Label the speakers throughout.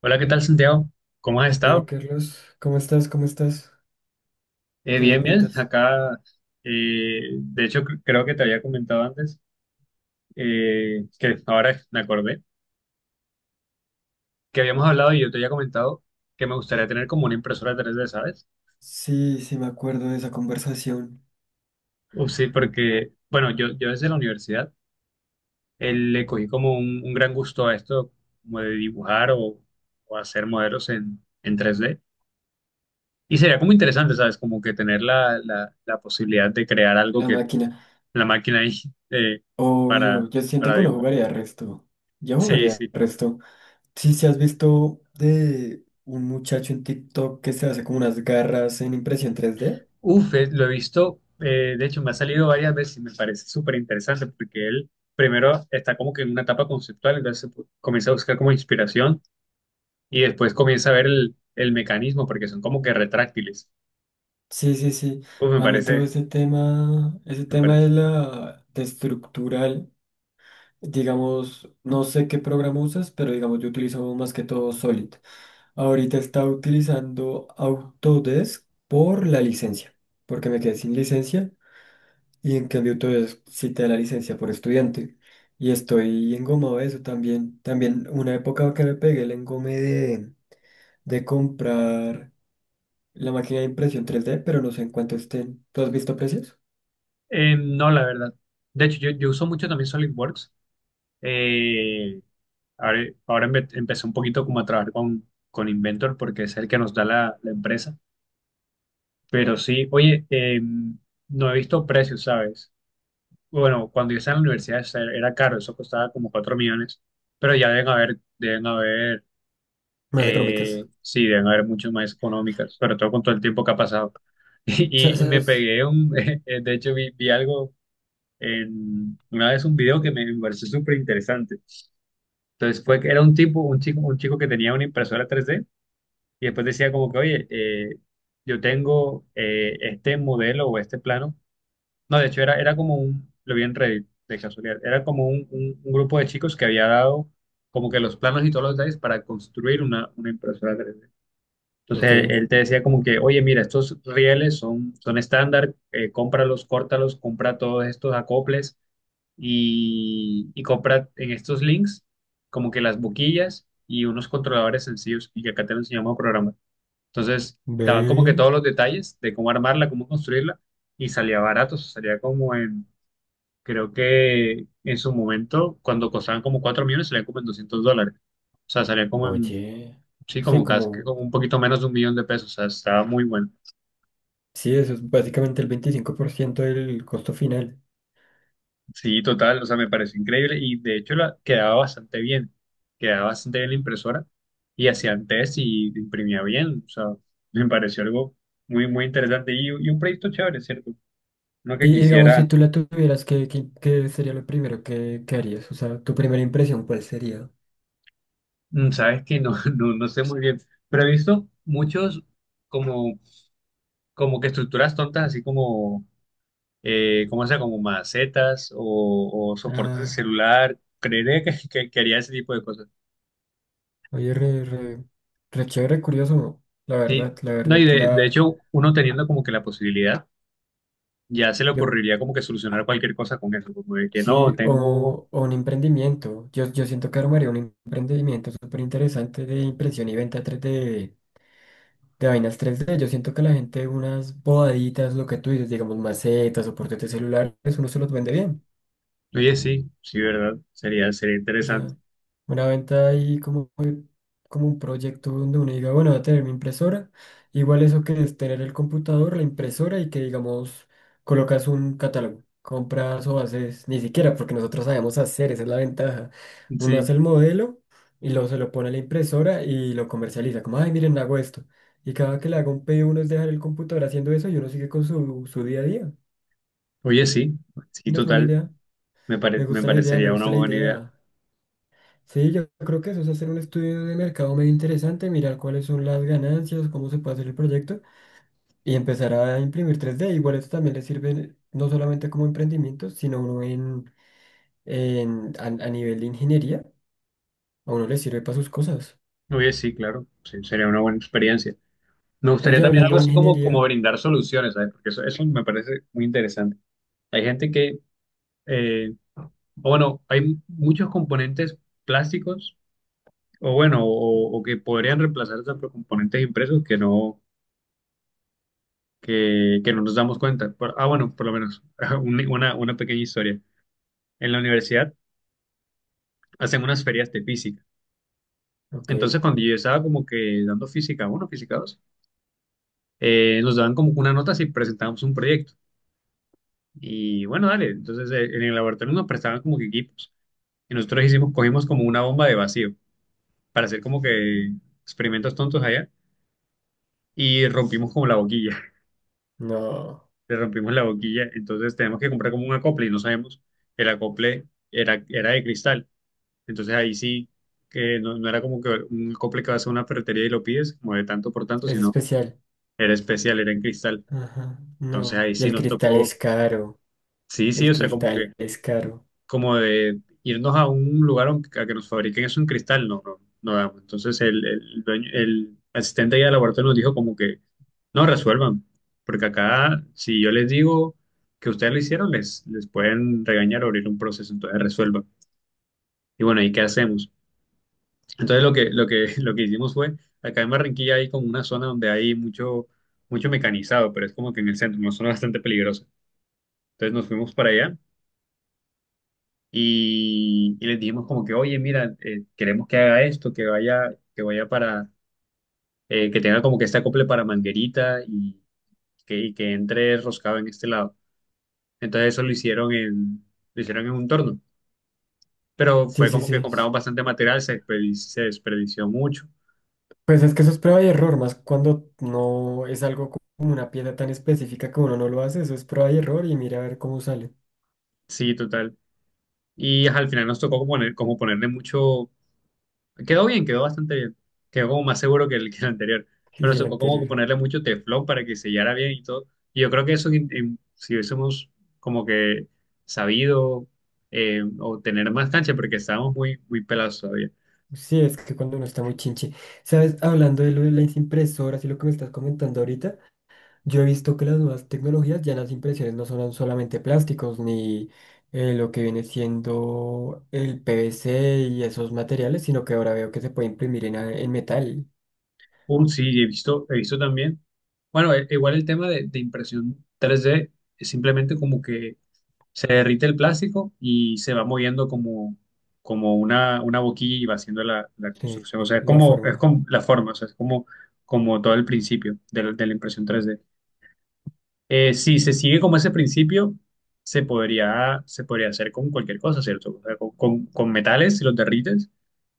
Speaker 1: Hola, ¿qué tal, Santiago? ¿Cómo has
Speaker 2: Bien,
Speaker 1: estado?
Speaker 2: Carlos, ¿cómo estás? ¿Cómo estás? ¿Qué me
Speaker 1: Bien, bien.
Speaker 2: cuentas?
Speaker 1: Acá, de hecho, creo que te había comentado antes, que ahora me acordé, que habíamos hablado y yo te había comentado que me gustaría tener como una impresora tres d, ¿sabes?
Speaker 2: Sí, sí, me acuerdo de esa conversación.
Speaker 1: Uf, sí, porque, bueno, yo desde la universidad le cogí como un gran gusto a esto, como de dibujar o hacer modelos en tres d. Y sería como interesante, ¿sabes? Como que tener la posibilidad de crear algo,
Speaker 2: La máquina.
Speaker 1: la máquina ahí, eh, para,
Speaker 2: Obvio, yo siento
Speaker 1: para
Speaker 2: que no
Speaker 1: dibujar.
Speaker 2: jugaría resto. Yo
Speaker 1: Sí,
Speaker 2: jugaría
Speaker 1: sí.
Speaker 2: resto. Sí, sí, has visto de un muchacho en TikTok que se hace como unas garras en impresión 3D.
Speaker 1: Uf, lo he visto, de hecho me ha salido varias veces y me parece súper interesante porque él primero está como que en una etapa conceptual, entonces comienza a buscar como inspiración y después comienza a ver el mecanismo porque son como que retráctiles.
Speaker 2: Sí, sí, sí.
Speaker 1: Uf, me
Speaker 2: A mí todo
Speaker 1: parece,
Speaker 2: ese
Speaker 1: me
Speaker 2: tema de
Speaker 1: parece.
Speaker 2: la de estructural, digamos, no sé qué programa usas, pero digamos, yo utilizo más que todo Solid. Ahorita estaba utilizando Autodesk por la licencia, porque me quedé sin licencia y en cambio Autodesk sí te da la licencia por estudiante. Y estoy engomado de eso también. También una época que me pegué el engome de comprar la máquina de impresión 3D, pero no sé en cuánto estén. ¿Tú has visto precios?
Speaker 1: No, la verdad. De hecho, yo uso mucho también SolidWorks. Eh, ahora ahora empecé un poquito como a trabajar con Inventor porque es el que nos da la empresa. Pero sí, oye, no he visto precios, ¿sabes? Bueno, cuando yo estaba en la universidad era caro, eso costaba como 4 millones, pero ya deben haber,
Speaker 2: Más económicas.
Speaker 1: sí, deben haber mucho más económicas, sobre todo con todo el tiempo que ha pasado. Y, y me
Speaker 2: ¿Sabes?
Speaker 1: pegué un, de hecho vi, vi algo en, una vez un video que me pareció súper interesante. Entonces fue que era un tipo, un chico que tenía una impresora tres d y después decía como que, oye, yo tengo este modelo o este plano. No, de hecho era, era como un, lo vi en Reddit de casualidad, era como un, un grupo de chicos que había dado como que los planos y todos los detalles para construir una impresora 3D. Entonces él,
Speaker 2: Ok.
Speaker 1: él te decía como que, oye, mira, estos rieles son, son estándar, cómpralos, córtalos, compra todos estos acoples y compra en estos links como que las boquillas y unos controladores sencillos y que acá te lo enseñamos a programar. Entonces, estaban como que todos
Speaker 2: Ve.
Speaker 1: los detalles de cómo armarla, cómo construirla y salía barato, o sea, salía como en... Creo que en su momento, cuando costaban como 4 millones, salían como en $200. O sea, salía como en,
Speaker 2: Oye.
Speaker 1: sí,
Speaker 2: Sí,
Speaker 1: como casi, que
Speaker 2: como...
Speaker 1: como un poquito menos de 1 millón de pesos. O sea, estaba muy bueno.
Speaker 2: Sí, eso es básicamente el 25% del costo final.
Speaker 1: Sí, total, o sea, me pareció increíble y de hecho la, quedaba bastante bien. Quedaba bastante bien la impresora y hacían test y imprimía bien. O sea, me pareció algo muy, muy interesante y un proyecto chévere, ¿cierto? No que
Speaker 2: Y digamos, si
Speaker 1: quisiera,
Speaker 2: tú la tuvieras, ¿ qué sería lo primero que harías? O sea, tu primera impresión, ¿cuál sería?
Speaker 1: sabes que no, no, no sé muy bien, pero he visto muchos como como que estructuras tontas, así como ¿cómo sea? Como macetas o soportes de
Speaker 2: Ah,
Speaker 1: celular. Creeré que, que haría ese tipo de cosas.
Speaker 2: oye, re, re, re chévere, curioso,
Speaker 1: Sí,
Speaker 2: la
Speaker 1: no, y
Speaker 2: verdad,
Speaker 1: de hecho, uno teniendo como que la posibilidad, ya se le
Speaker 2: yo,
Speaker 1: ocurriría como que solucionar cualquier cosa con eso, como de que no,
Speaker 2: sí,
Speaker 1: tengo,
Speaker 2: o un emprendimiento. Yo siento que armaría un emprendimiento súper interesante de impresión y venta 3D, de vainas 3D. Yo siento que la gente, unas bodaditas, lo que tú dices, digamos, macetas o portátiles celulares, uno se los vende bien.
Speaker 1: oye, sí, sí, ¿verdad? Sería, sería interesante.
Speaker 2: Ya una venta ahí como un proyecto donde uno diga, bueno, voy a tener mi impresora. Igual eso que es tener el computador, la impresora y que digamos colocas un catálogo, compras o haces, ni siquiera porque nosotros sabemos hacer, esa es la ventaja. Uno
Speaker 1: Sí,
Speaker 2: hace el modelo y luego se lo pone a la impresora y lo comercializa, como, ay, miren, hago esto. Y cada que le haga un pedido uno es dejar el computador haciendo eso y uno sigue con su día a día.
Speaker 1: oye, sí, sí,
Speaker 2: Y no es mala
Speaker 1: total,
Speaker 2: idea. Me
Speaker 1: me
Speaker 2: gusta la idea, me
Speaker 1: parecería una
Speaker 2: gusta la
Speaker 1: buena idea.
Speaker 2: idea. Sí, yo creo que eso es hacer un estudio de mercado medio interesante, mirar cuáles son las ganancias, cómo se puede hacer el proyecto y empezar a imprimir 3D. Igual esto también le sirve no solamente como emprendimiento, sino uno a nivel de ingeniería, a uno le sirve para sus cosas.
Speaker 1: Oye, sí, claro, sí, sería una buena experiencia. Me gustaría
Speaker 2: Oye,
Speaker 1: también
Speaker 2: hablando
Speaker 1: algo
Speaker 2: de
Speaker 1: así como, como
Speaker 2: ingeniería,
Speaker 1: brindar soluciones, ¿sabes? Porque eso me parece muy interesante. Hay gente que, eh, bueno, hay muchos componentes plásticos, o bueno, o que podrían reemplazarse por componentes impresos que no nos damos cuenta. Ah, bueno, por lo menos, una pequeña historia. En la universidad hacen unas ferias de física.
Speaker 2: ok,
Speaker 1: Entonces, cuando yo estaba como que dando física 1, física 2, nos daban como que una nota si presentábamos un proyecto. Y bueno, dale, entonces en el laboratorio nos prestaban como que equipos. Y nosotros hicimos, cogimos como una bomba de vacío para hacer como que experimentos tontos allá y rompimos como la boquilla,
Speaker 2: no,
Speaker 1: le rompimos la boquilla, entonces tenemos que comprar como un acople y no sabemos, el acople era, era de cristal, entonces ahí sí, que no, no era como que un acople que vas a una ferretería y lo pides, como de tanto por tanto,
Speaker 2: es
Speaker 1: sino
Speaker 2: especial.
Speaker 1: era especial, era en cristal,
Speaker 2: Ajá,
Speaker 1: entonces
Speaker 2: no.
Speaker 1: ahí
Speaker 2: Y
Speaker 1: sí
Speaker 2: el
Speaker 1: nos
Speaker 2: cristal es
Speaker 1: tocó,
Speaker 2: caro,
Speaker 1: sí, sí,
Speaker 2: el
Speaker 1: o sea, como
Speaker 2: cristal
Speaker 1: que
Speaker 2: es caro.
Speaker 1: como de irnos a un lugar a que nos fabriquen eso en cristal, no, no, no damos. Entonces el, el asistente allá del laboratorio nos dijo como que no resuelvan, porque acá si yo les digo que ustedes lo hicieron, les pueden regañar o abrir un proceso, entonces resuelvan. Y bueno, ¿y qué hacemos? Entonces lo que, lo que hicimos fue, acá en Barranquilla hay como una zona donde hay mucho, mucho mecanizado, pero es como que en el centro, una zona bastante peligrosa. Entonces nos fuimos para allá y les dijimos como que, oye, mira, queremos que haga esto, que vaya para, que tenga como que este acople para manguerita y que entre roscado en este lado. Entonces eso lo hicieron en un torno, pero
Speaker 2: Sí,
Speaker 1: fue
Speaker 2: sí,
Speaker 1: como que
Speaker 2: sí.
Speaker 1: compramos bastante material, se, se desperdició mucho,
Speaker 2: Pues es que eso es prueba y error, más cuando no es algo como una pieza tan específica que uno no lo hace, eso es prueba y error y mira a ver cómo sale.
Speaker 1: sí, total. Y ajá, al final nos tocó como poner, como ponerle mucho. Quedó bien, quedó bastante bien. Quedó como más seguro que el anterior. Pero
Speaker 2: Dije
Speaker 1: nos
Speaker 2: el
Speaker 1: tocó como
Speaker 2: anterior.
Speaker 1: ponerle mucho teflón para que sellara bien y todo. Y yo creo que eso, si hubiésemos como que sabido o tener más cancha, porque estábamos muy, muy pelados todavía.
Speaker 2: Sí, es que cuando uno está muy chinche. Sabes, hablando de lo de las impresoras y lo que me estás comentando ahorita, yo he visto que las nuevas tecnologías ya las impresiones no son solamente plásticos ni lo que viene siendo el PVC y esos materiales, sino que ahora veo que se puede imprimir en, en metal,
Speaker 1: Sí, he visto también. Bueno, igual el tema de impresión 3D es simplemente como que se derrite el plástico y se va moviendo como, como una boquilla y va haciendo la
Speaker 2: sí,
Speaker 1: construcción. O sea,
Speaker 2: la
Speaker 1: es
Speaker 2: forma.
Speaker 1: como la forma, o sea, es como, como todo el principio de la impresión 3D. Si se sigue como ese principio, se podría hacer con cualquier cosa, ¿cierto? O sea, con, con metales, si los derrites,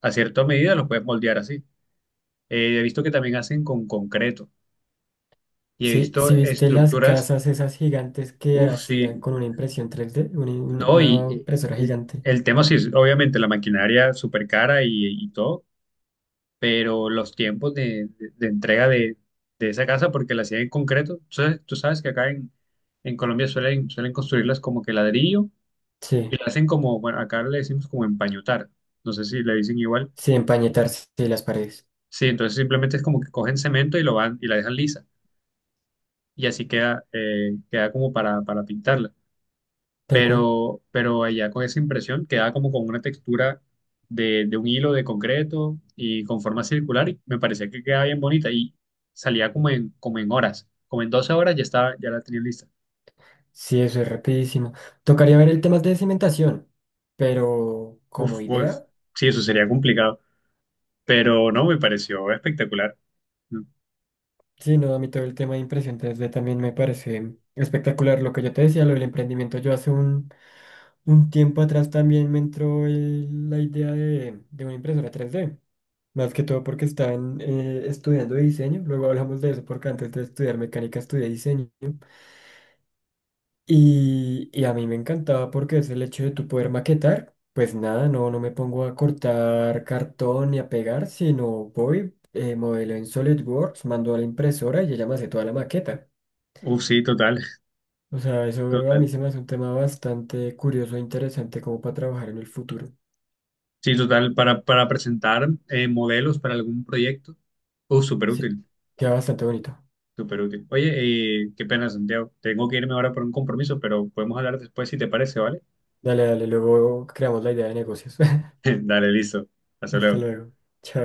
Speaker 1: a cierta medida los puedes moldear así. He visto que también hacen con concreto y he
Speaker 2: Sí, sí
Speaker 1: visto
Speaker 2: viste las
Speaker 1: estructuras,
Speaker 2: casas esas gigantes que
Speaker 1: uff,
Speaker 2: hacían
Speaker 1: sí,
Speaker 2: con una impresión 3D, una-
Speaker 1: no, y
Speaker 2: una impresora
Speaker 1: el,
Speaker 2: gigante.
Speaker 1: el tema sí es obviamente la maquinaria súper cara y todo, pero los tiempos de, de entrega de esa casa, porque la hacían en concreto, tú sabes que acá en Colombia suelen, suelen construirlas como que ladrillo
Speaker 2: Sí,
Speaker 1: y la hacen como, bueno, acá le decimos como empañotar, no sé si le dicen igual,
Speaker 2: sí, empañetarse sí, las paredes.
Speaker 1: sí, entonces simplemente es como que cogen cemento y lo van y la dejan lisa y así queda, queda como para pintarla.
Speaker 2: Tal cual.
Speaker 1: Pero allá con esa impresión quedaba como con una textura de un hilo de concreto y con forma circular y me parecía que quedaba bien bonita y salía como en, como en horas, como en 12 horas ya estaba, ya la tenía lista.
Speaker 2: Sí, eso es rapidísimo. Tocaría ver el tema de cimentación, pero como
Speaker 1: Uf, pues
Speaker 2: idea,
Speaker 1: sí, eso sería complicado, pero no, me pareció espectacular.
Speaker 2: sí, no, a mí todo el tema de impresión 3D también me parece espectacular. Lo que yo te decía, lo del emprendimiento, yo hace un tiempo atrás también me entró la idea de una impresora 3D. Más que todo porque estaban estudiando diseño. Luego hablamos de eso porque antes de estudiar mecánica estudié diseño. Y a mí me encantaba porque es el hecho de tú poder maquetar. Pues nada, no me pongo a cortar cartón ni a pegar, sino voy, modelo en SolidWorks, mando a la impresora y ella me hace toda la maqueta.
Speaker 1: Uf, sí, total,
Speaker 2: O sea, eso a
Speaker 1: total.
Speaker 2: mí se me hace un tema bastante curioso e interesante como para trabajar en el futuro.
Speaker 1: Sí, total, para presentar modelos para algún proyecto, uf, súper
Speaker 2: Sí,
Speaker 1: útil.
Speaker 2: queda bastante bonito.
Speaker 1: Súper útil. Oye, qué pena, Santiago. Tengo que irme ahora por un compromiso, pero podemos hablar después si te parece, ¿vale?
Speaker 2: Dale, dale, luego creamos la idea de negocios.
Speaker 1: Dale, listo. Hasta
Speaker 2: Hasta
Speaker 1: luego.
Speaker 2: luego. Chao.